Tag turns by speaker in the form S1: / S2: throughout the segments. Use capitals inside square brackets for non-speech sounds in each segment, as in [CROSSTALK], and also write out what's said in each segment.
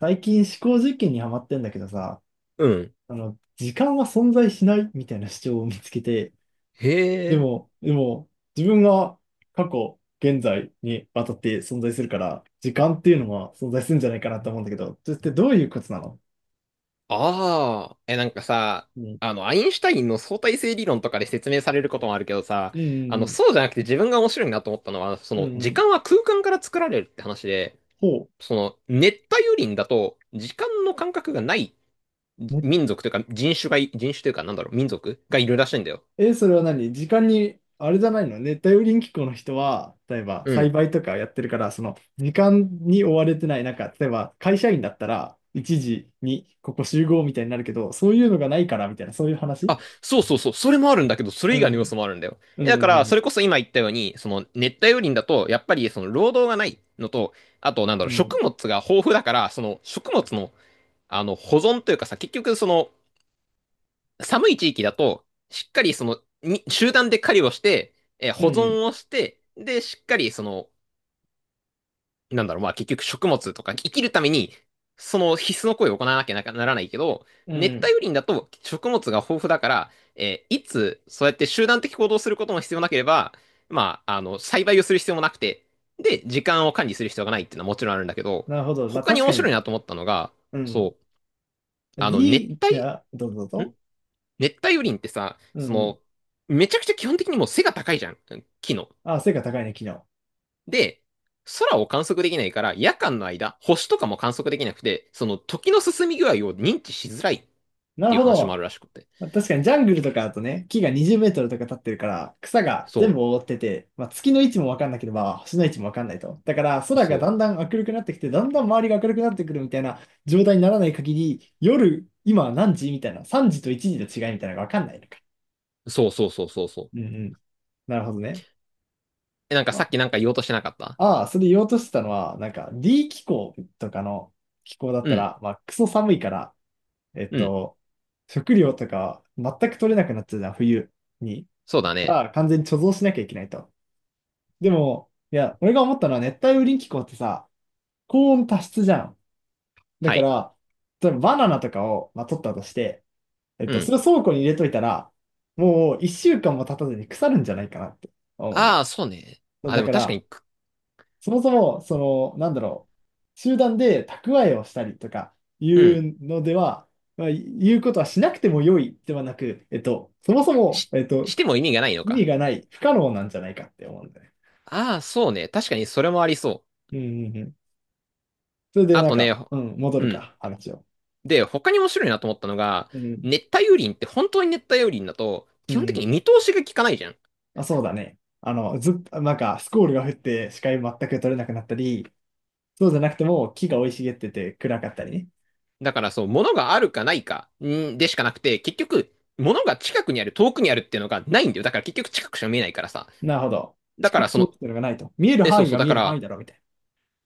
S1: 最近思考実験にハマってんだけどさ、
S2: うん。
S1: 時間は存在しないみたいな主張を見つけて、
S2: へ
S1: で
S2: え。
S1: も、でも、自分が過去、現在にわたって存在するから、時間っていうのは存在するんじゃないかなと思うんだけど、それってどういうことなの？
S2: ああ、え、なんかさ、
S1: うん、
S2: アインシュタインの相対性理論とかで説明されることもあるけどさ、
S1: うん、
S2: そうじゃなくて自分が面白いなと思ったのは、そ
S1: うん、う
S2: の、
S1: ん、う
S2: 時間
S1: ん。
S2: は空間から作られるって話で、
S1: ほう。
S2: その、熱帯雨林だと、時間の感覚がない民族というか、人種というか、なんだろう、民族がいるらしいんだよ。
S1: え、それは何時間に、あれじゃないの？熱帯雨林気候の人は、例えば
S2: う
S1: 栽
S2: ん。
S1: 培とかやってるから、その時間に追われてない、なんか、例えば会社員だったら、1時にここ集合みたいになるけど、そういうのがないから、みたいな、そういう話？
S2: あ、そうそうそう、それもあるんだけど、そ
S1: う
S2: れ以外の要
S1: ん。
S2: 素もあるんだよ。
S1: う
S2: だから、そ
S1: ん。
S2: れこそ今言ったように、その熱帯雨林だと、やっぱりその労働がないのと、あと、なんだ
S1: う
S2: ろう、
S1: ん。
S2: 食物が豊富だから、その食物の、保存というかさ、結局、その、寒い地域だと、しっかりその、に集団で狩りをして、
S1: う
S2: 保
S1: ん。
S2: 存をして、で、しっかりその、なんだろう、まあ結局食物とか生きるために、その必須の行為を行わなきゃなならないけど、
S1: う
S2: 熱
S1: ん。
S2: 帯雨林だと食物が豊富だから、いつそうやって集団的行動をすることも必要なければ、まあ、栽培をする必要もなくて、で、時間を管理する必要がないっていうのはもちろんあるんだけど、
S1: なるほど。まあ、
S2: 他に
S1: 確か
S2: 面白い
S1: に。
S2: なと思ったのが、
S1: うん。
S2: そう、あの、熱 帯、
S1: どうぞどう
S2: ん
S1: ぞ。
S2: 熱帯雨林ってさ、
S1: う
S2: そ
S1: ん。
S2: の、めちゃくちゃ基本的にもう背が高いじゃん、木の。
S1: あ、成果高いね、昨日。
S2: で、空を観測できないから、夜間の間、星とかも観測できなくて、その時の進み具合を認知しづらいっ
S1: なる
S2: ていう
S1: ほ
S2: 話もあ
S1: ど。
S2: るらしくて。
S1: まあ確かにジャングルとかだとね、木が20メートルとか立ってるから、草が全
S2: そ
S1: 部覆ってて、まあ、月の位置もわかんなければ、星の位置もわかんないと。だから、
S2: う、
S1: 空が
S2: そ
S1: だんだん明るくなってきて、だんだん周りが明るくなってくるみたいな状態にならない限り、夜、今は何時みたいな、3時と1時の違いみたいなのがわかんないのか。
S2: う、そうそうそうそうそう。
S1: うん、うん。なるほどね。
S2: え、なんか
S1: ま
S2: さ
S1: あ、
S2: っきなんか言おうとしてなかった？
S1: ああ、それ言おうとしてたのは、なんか D 気候とかの気候だっ
S2: う
S1: た
S2: ん、
S1: ら、まあ、クソ寒いから、えっ
S2: うん、
S1: と、食料とか全く取れなくなっちゃうじゃん、冬に。
S2: そうだね。
S1: が完全に貯蔵しなきゃいけないと。でも、いや、俺が思ったのは熱帯雨林気候ってさ、高温多湿じゃん。だ
S2: は
S1: か
S2: い、
S1: ら、例えばバナナとかを、まあ、取ったとして、
S2: う
S1: そ
S2: ん。
S1: れを倉庫に入れといたら、もう1週間も経たずに腐るんじゃないかなって思うんだ
S2: ああ、そうね。
S1: よ。
S2: あ、
S1: だ
S2: でも
S1: か
S2: 確か
S1: ら、
S2: に、
S1: そもそも、なんだろう、集団で蓄えをしたりとかい
S2: うん、
S1: うのでは、まあ、言うことはしなくても良いではなく、そもそも、
S2: し、しても意味がないの
S1: 意味
S2: か。
S1: がない、不可能なんじゃないかって思うんだよね。
S2: ああ、そうね。確かにそれもありそう。
S1: うん、うん、うん。それで
S2: あ
S1: なん
S2: と
S1: か、
S2: ね、
S1: うん、戻
S2: う
S1: る
S2: ん。
S1: か、話を。
S2: で、他に面白いなと思ったのが、
S1: うん、
S2: 熱帯雨林って本当に熱帯雨林だと、
S1: う
S2: 基本的
S1: ん。
S2: に見通しが効かないじゃん。
S1: まあ、そうだね。ずっと、なんか、スコールが降って視界全く取れなくなったり、そうじゃなくても木が生い茂ってて暗かったりね。
S2: だからそう、物があるかないかんでしかなくて、結局、物が近くにある、遠くにあるっていうのがないんだよ。だから結局近くしか見えないからさ。
S1: なるほど。
S2: だか
S1: 近
S2: ら
S1: く
S2: そ
S1: 通
S2: の、
S1: ってのがないと。見える
S2: え、そう
S1: 範囲
S2: そ
S1: が
S2: う、だ
S1: 見
S2: か
S1: える範囲
S2: ら、
S1: だろ、みたいな。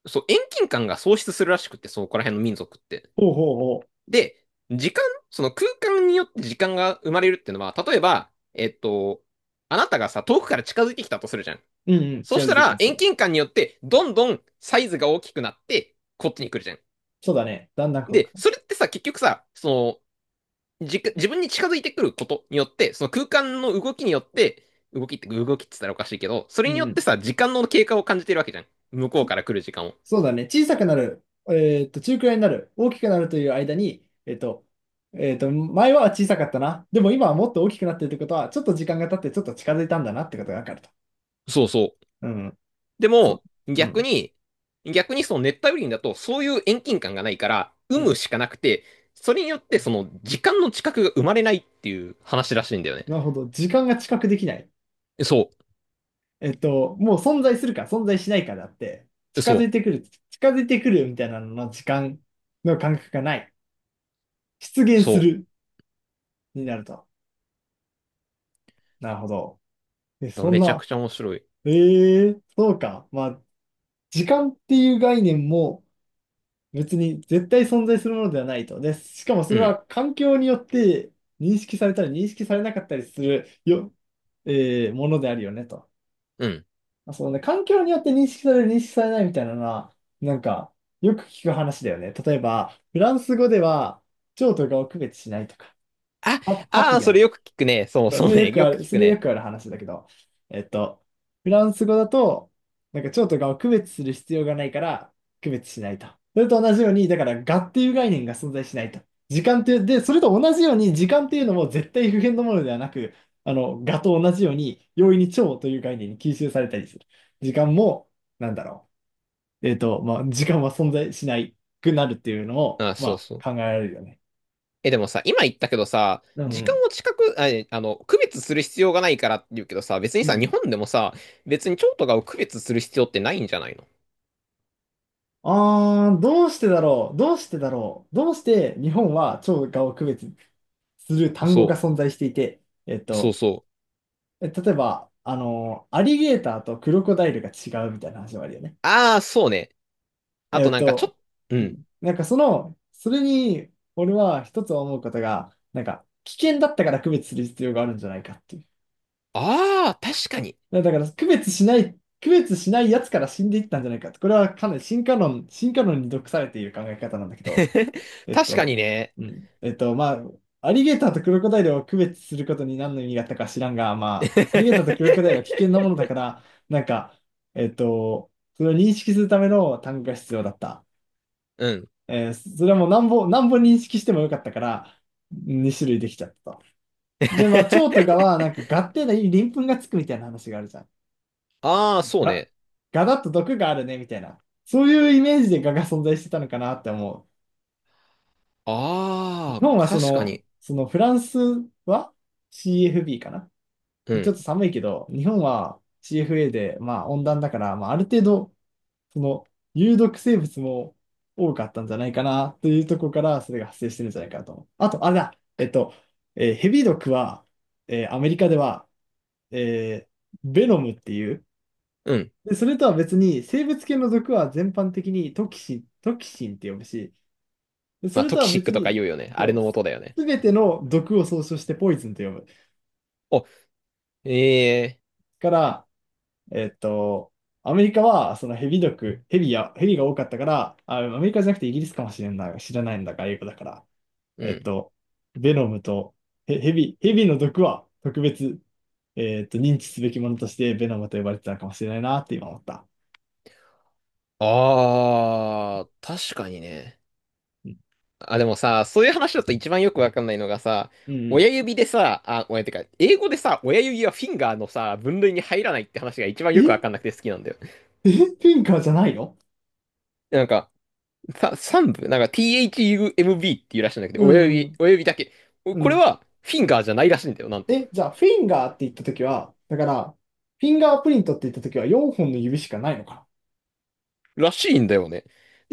S2: そう、遠近感が喪失するらしくって、そう、ここら辺の民族って。
S1: ほう、ほう、ほ
S2: で、時間、その空間によって時間が生まれるっていうのは、例えば、あなたがさ、遠くから近づいてきたとするじゃん。
S1: う。うん、うん、
S2: そう
S1: 近
S2: し
S1: づい
S2: た
S1: てきた
S2: ら、
S1: りす
S2: 遠
S1: る。
S2: 近感によって、どんどんサイズが大きくなって、こっちに来るじゃん。
S1: そうだね。だんだんこうか。
S2: で、それってさ、結局さ、その、自分に近づいてくることによって、その空間の動きによって、動きって言ったらおかしいけど、そ
S1: う
S2: れによ
S1: ん、う
S2: っ
S1: ん。
S2: てさ、時間の経過を感じてるわけじゃん。向こう
S1: そ
S2: から来る時間を。
S1: そうだね。小さくなる、中くらいになる、大きくなるという間に、前は小さかったな。でも今はもっと大きくなってるってことは、ちょっと時間が経ってちょっと近づいたんだなってことがわかると。
S2: そうそう。
S1: うん。
S2: で
S1: そう。
S2: も、
S1: うん。
S2: 逆にその熱帯雨林だと、そういう遠近感がないから、有
S1: うん。
S2: 無しかなくて、それによってその時間の近くが生まれないっていう話らしいんだよね。
S1: なるほど。時間が知覚できない。
S2: そ
S1: もう存在するか存在しないかだって、
S2: う、
S1: 近づい
S2: そ
S1: てくる、近づいてくるみたいなのの時間の感覚がない。出
S2: う、
S1: 現す
S2: そ
S1: るになると。なるほど。え、
S2: う。
S1: そん
S2: めちゃ
S1: な、
S2: くちゃ面白い。
S1: そうか。まあ、時間っていう概念も、別に絶対存在するものではないと。で、しかもそ
S2: う
S1: れ
S2: ん、
S1: は環境によって認識されたり認識されなかったりするよ、ものであるよねと。
S2: うん。
S1: まあそうね、環境によって認識される、認識されないみたいなのは、なんか、よく聞く話だよね。例えば、フランス語では、蝶とかを区別しないとか、
S2: あ、
S1: パ、パ
S2: あ
S1: ピ
S2: あ、
S1: ヨ
S2: そ
S1: ン
S2: れよく聞くね。そう
S1: そうそ
S2: そう
S1: れよ
S2: ね。
S1: く
S2: よ
S1: あ
S2: く
S1: る、
S2: 聞
S1: そ
S2: く
S1: れよ
S2: ね。
S1: くある話だけど、えっと、フランス語だと、なんか蝶と蛾を区別する必要がないから、区別しないと。それと同じように、だから蛾っていう概念が存在しないと。時間っていう、で、それと同じように、時間っていうのも絶対不変のものではなく、蛾と同じように、容易に蝶という概念に吸収されたりする。時間も、なんだろう。まあ、時間は存在しないくなるっていうのを、
S2: あ、そう
S1: ま
S2: そう。
S1: あ、考えられるよね。
S2: え、でもさ、今言ったけどさ、
S1: うん、う
S2: 時間
S1: ん。
S2: を近く、あ、えあの、区別する必要がないからって言うけどさ、別に
S1: う
S2: さ、日
S1: ん。
S2: 本でもさ、別に蝶とかを区別する必要ってないんじゃないの？
S1: あー、どうしてだろうどうしてだろうどうして日本は超がを区別する単語が
S2: そ
S1: 存在していて、えっ
S2: う、そう
S1: と、
S2: そう。
S1: 例えば、アリゲーターとクロコダイルが違うみたいな話もあるよね。
S2: ああ、そうね。あ
S1: え
S2: と
S1: っ
S2: なんかちょ、
S1: と、
S2: っう
S1: う
S2: ん。
S1: ん。なんかそれに、俺は一つ思うことが、なんか、危険だったから区別する必要があるんじゃないかっていう。
S2: ああ、確かに。
S1: だから、区別しないやつから死んでいったんじゃないかって。これはかなり進化論に毒されている考え方なんだけど、
S2: [LAUGHS]
S1: えっ
S2: 確かに
S1: と、
S2: ね。
S1: うん。まあ、アリゲーターとクロコダイルを区別することに何の意味があったか知らんが、まあ、アリゲーターとクロコダイルは危
S2: [LAUGHS]
S1: 険なものだから、なんか、えっと、それを認識するための単語が必要だった。
S2: うん。
S1: それはもう何本、何本認識してもよかったから、2種類できちゃったと。で、まあ、蝶とか
S2: [LAUGHS]
S1: は、なんか、ガっていい鱗粉がつくみたいな話があるじゃん。
S2: ああ、そう
S1: ガ、
S2: ね。
S1: ガだと毒があるね、みたいな。そういうイメージでガが存在してたのかなって思う。日
S2: ああ、
S1: 本はそ
S2: 確か
S1: の、
S2: に。
S1: そのフランスは CFB かな。
S2: う
S1: ちょっと
S2: ん、
S1: 寒いけど、日本は CFA で、まあ温暖だから、まあある程度、その有毒生物も多かったんじゃないかなというところからそれが発生してるんじゃないかなと思う。あと、あれだ、えっと、ヘビ毒は、アメリカでは、えーベノムっていう。
S2: うん。
S1: で、それとは別に生物系の毒は全般的にトキシンって呼ぶし、でそ
S2: まあ、
S1: れ
S2: ト
S1: と
S2: キ
S1: は
S2: シッ
S1: 別
S2: クとか
S1: に、
S2: 言うよね。あれ
S1: そう、
S2: の
S1: す
S2: 元だよね。
S1: すべての毒を総称してポイズンと呼ぶ。
S2: お、ええ、
S1: から、えっと、アメリカはそのヘビ毒、ヘビや、ヘビが多かったから、あ、アメリカじゃなくてイギリスかもしれない、知らないんだが、英語だから。
S2: う
S1: えっ
S2: ん。
S1: と、ベノムとヘビの毒は特別、認知すべきものとしてベノムと呼ばれてたのかもしれないなって今思った。
S2: ああ、確かにね。
S1: うん。
S2: あ、でもさ、そういう話だと一番よくわかんないのがさ、
S1: うん、
S2: 親指でさ、あ、親ってか、英語でさ、親指はフィンガーのさ、分類に入らないって話が一番
S1: う
S2: よくわ
S1: ん。え
S2: かん
S1: え、
S2: なくて好きなんだよ。
S1: フィンカーじゃないの？
S2: なんか、さ、三部、なんか THUMB っていうらしいんだけど、
S1: う
S2: 親指、
S1: ん。
S2: 親指だけ。お、
S1: う
S2: これ
S1: ん。
S2: はフィンガーじゃないらしいんだよ、なんと。
S1: え、じゃあ、フィンガーって言ったときは、だから、フィンガープリントって言ったときは4本の指しかないのかな。
S2: らしいんだよね。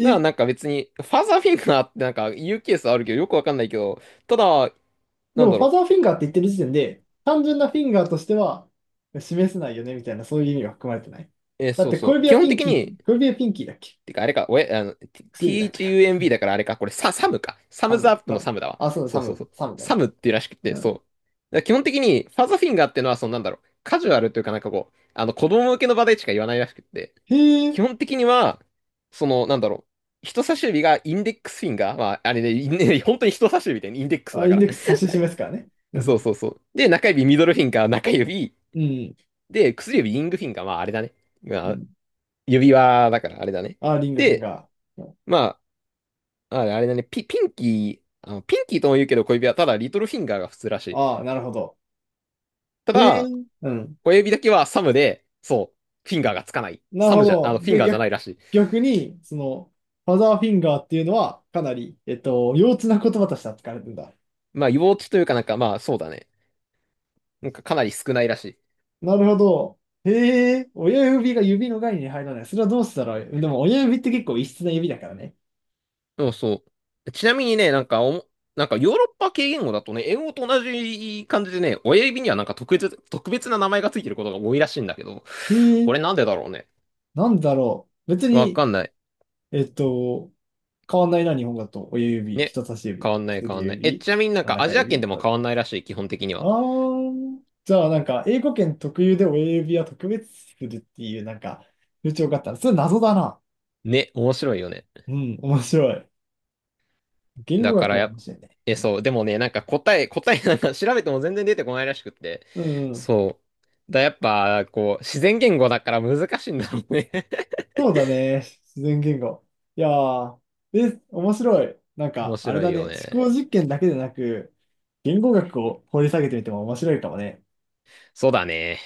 S2: だからなんか別に、ファーザーフィンガーってなんか言うケースあるけど、よくわかんないけど、ただ、
S1: で
S2: なん
S1: も、
S2: だ
S1: ファ
S2: ろ
S1: ザーフィンガーって言ってる時点で、単純なフィンガーとしては示せないよね、みたいな、そういう意味は含まれてない。
S2: う。
S1: だっ
S2: そう
S1: て、
S2: そ
S1: 小
S2: う。
S1: 指
S2: 基
S1: は
S2: 本
S1: ピン
S2: 的
S1: キー、
S2: に、
S1: 小指はピンキーだっけ？
S2: てか、あれか、おえ、
S1: 薬指
S2: T-
S1: だった
S2: h
S1: か。
S2: u m b だからあれか、これサムか。サ
S1: サ
S2: ムズ
S1: ム、
S2: アップ
S1: サ
S2: の
S1: ム。
S2: サムだわ。
S1: あ、そうだ、
S2: そ
S1: サ
S2: うそうそ
S1: ム、
S2: う。
S1: サムだね。
S2: サムっていうらしく
S1: う
S2: て、そ
S1: ん。
S2: う。だから基本的に、ファザーフィンガーってのは、そのなんだろう、カジュアルというかなんかこう、子供向けの場でしか言わないらしくて、
S1: へえ。
S2: 基本的には、その、なんだろう、人差し指がインデックスフィンガー、まあ、あれね、インね本当に人差し指で、インデックス
S1: あ、
S2: だ
S1: イ
S2: か
S1: ン
S2: ら。
S1: デックス指し示すからね。う
S2: そう
S1: ん。
S2: そうそう。で、中指、ミドルフィンガー、中指、
S1: うん。
S2: で、薬指、リングフィンガー、まあ、あれだね。
S1: う
S2: まあ、
S1: ん。
S2: 指輪だから、あれだね。
S1: あ、リングフィン
S2: で、
S1: ガー。
S2: まあ、あれだね、ピンキー、ピンキーとも言うけど小指はただリトルフィンガーが普通らしい。
S1: ああ、なるほど。
S2: た
S1: へえ。
S2: だ、
S1: うん。
S2: 小指だけはサムで、そう、フィンガーがつかない。
S1: なる
S2: サ
S1: ほ
S2: ムじゃ、あ
S1: ど。
S2: の、フィン
S1: で、
S2: ガーじゃな
S1: 逆、
S2: いらしい。
S1: 逆に、ファザーフィンガーっていうのは、かなり、幼稚な言葉として扱われてるんだ。
S2: まあ、幼稚というかなんか、まあ、そうだね。なんかかなり少ないらしい。
S1: なるほど。へえ、親指が指の概念に入らない。それはどうしたらいい、でも親指って結構異質な指だからね。
S2: そうそう。ちなみにね、なんかヨーロッパ系言語だとね、英語と同じ感じでね、親指にはなんか特別な名前がついてることが多いらしいんだけど、
S1: へえ、
S2: これなんでだろうね。
S1: なんだろう。別
S2: わ
S1: に、
S2: かんない。
S1: えっと、変わんないな、日本語だと。親指、
S2: ね。
S1: 人差し
S2: 変
S1: 指、
S2: わんない変
S1: 薬
S2: わんない。え、
S1: 指、
S2: ちなみになんかア
S1: 中
S2: ジア圏
S1: 指、
S2: でも
S1: これ。
S2: 変わんないらしい、基本的に
S1: あ
S2: は。
S1: ー、じゃあなんか、英語圏特有で親指は特別するっていう、なんか、風潮があったら、それ謎だな。
S2: ね、面白いよね。
S1: うん、面白い。言語
S2: だか
S1: 学
S2: ら
S1: も
S2: や、
S1: 面白いね。
S2: え、
S1: うん。
S2: そう、でもね、なんか答え [LAUGHS] なんか調べても全然出てこないらしくって。
S1: うん、うん。
S2: そう。やっぱ、こう、自然言語だから難しいんだろうね。[LAUGHS]
S1: そうだね。自然言語。いやー、え、面白い。なん
S2: 面
S1: か、あれ
S2: 白
S1: だ
S2: いよ
S1: ね。思考
S2: ね。
S1: 実験だけでなく、言語学を掘り下げてみても面白いかもね。
S2: そうだね。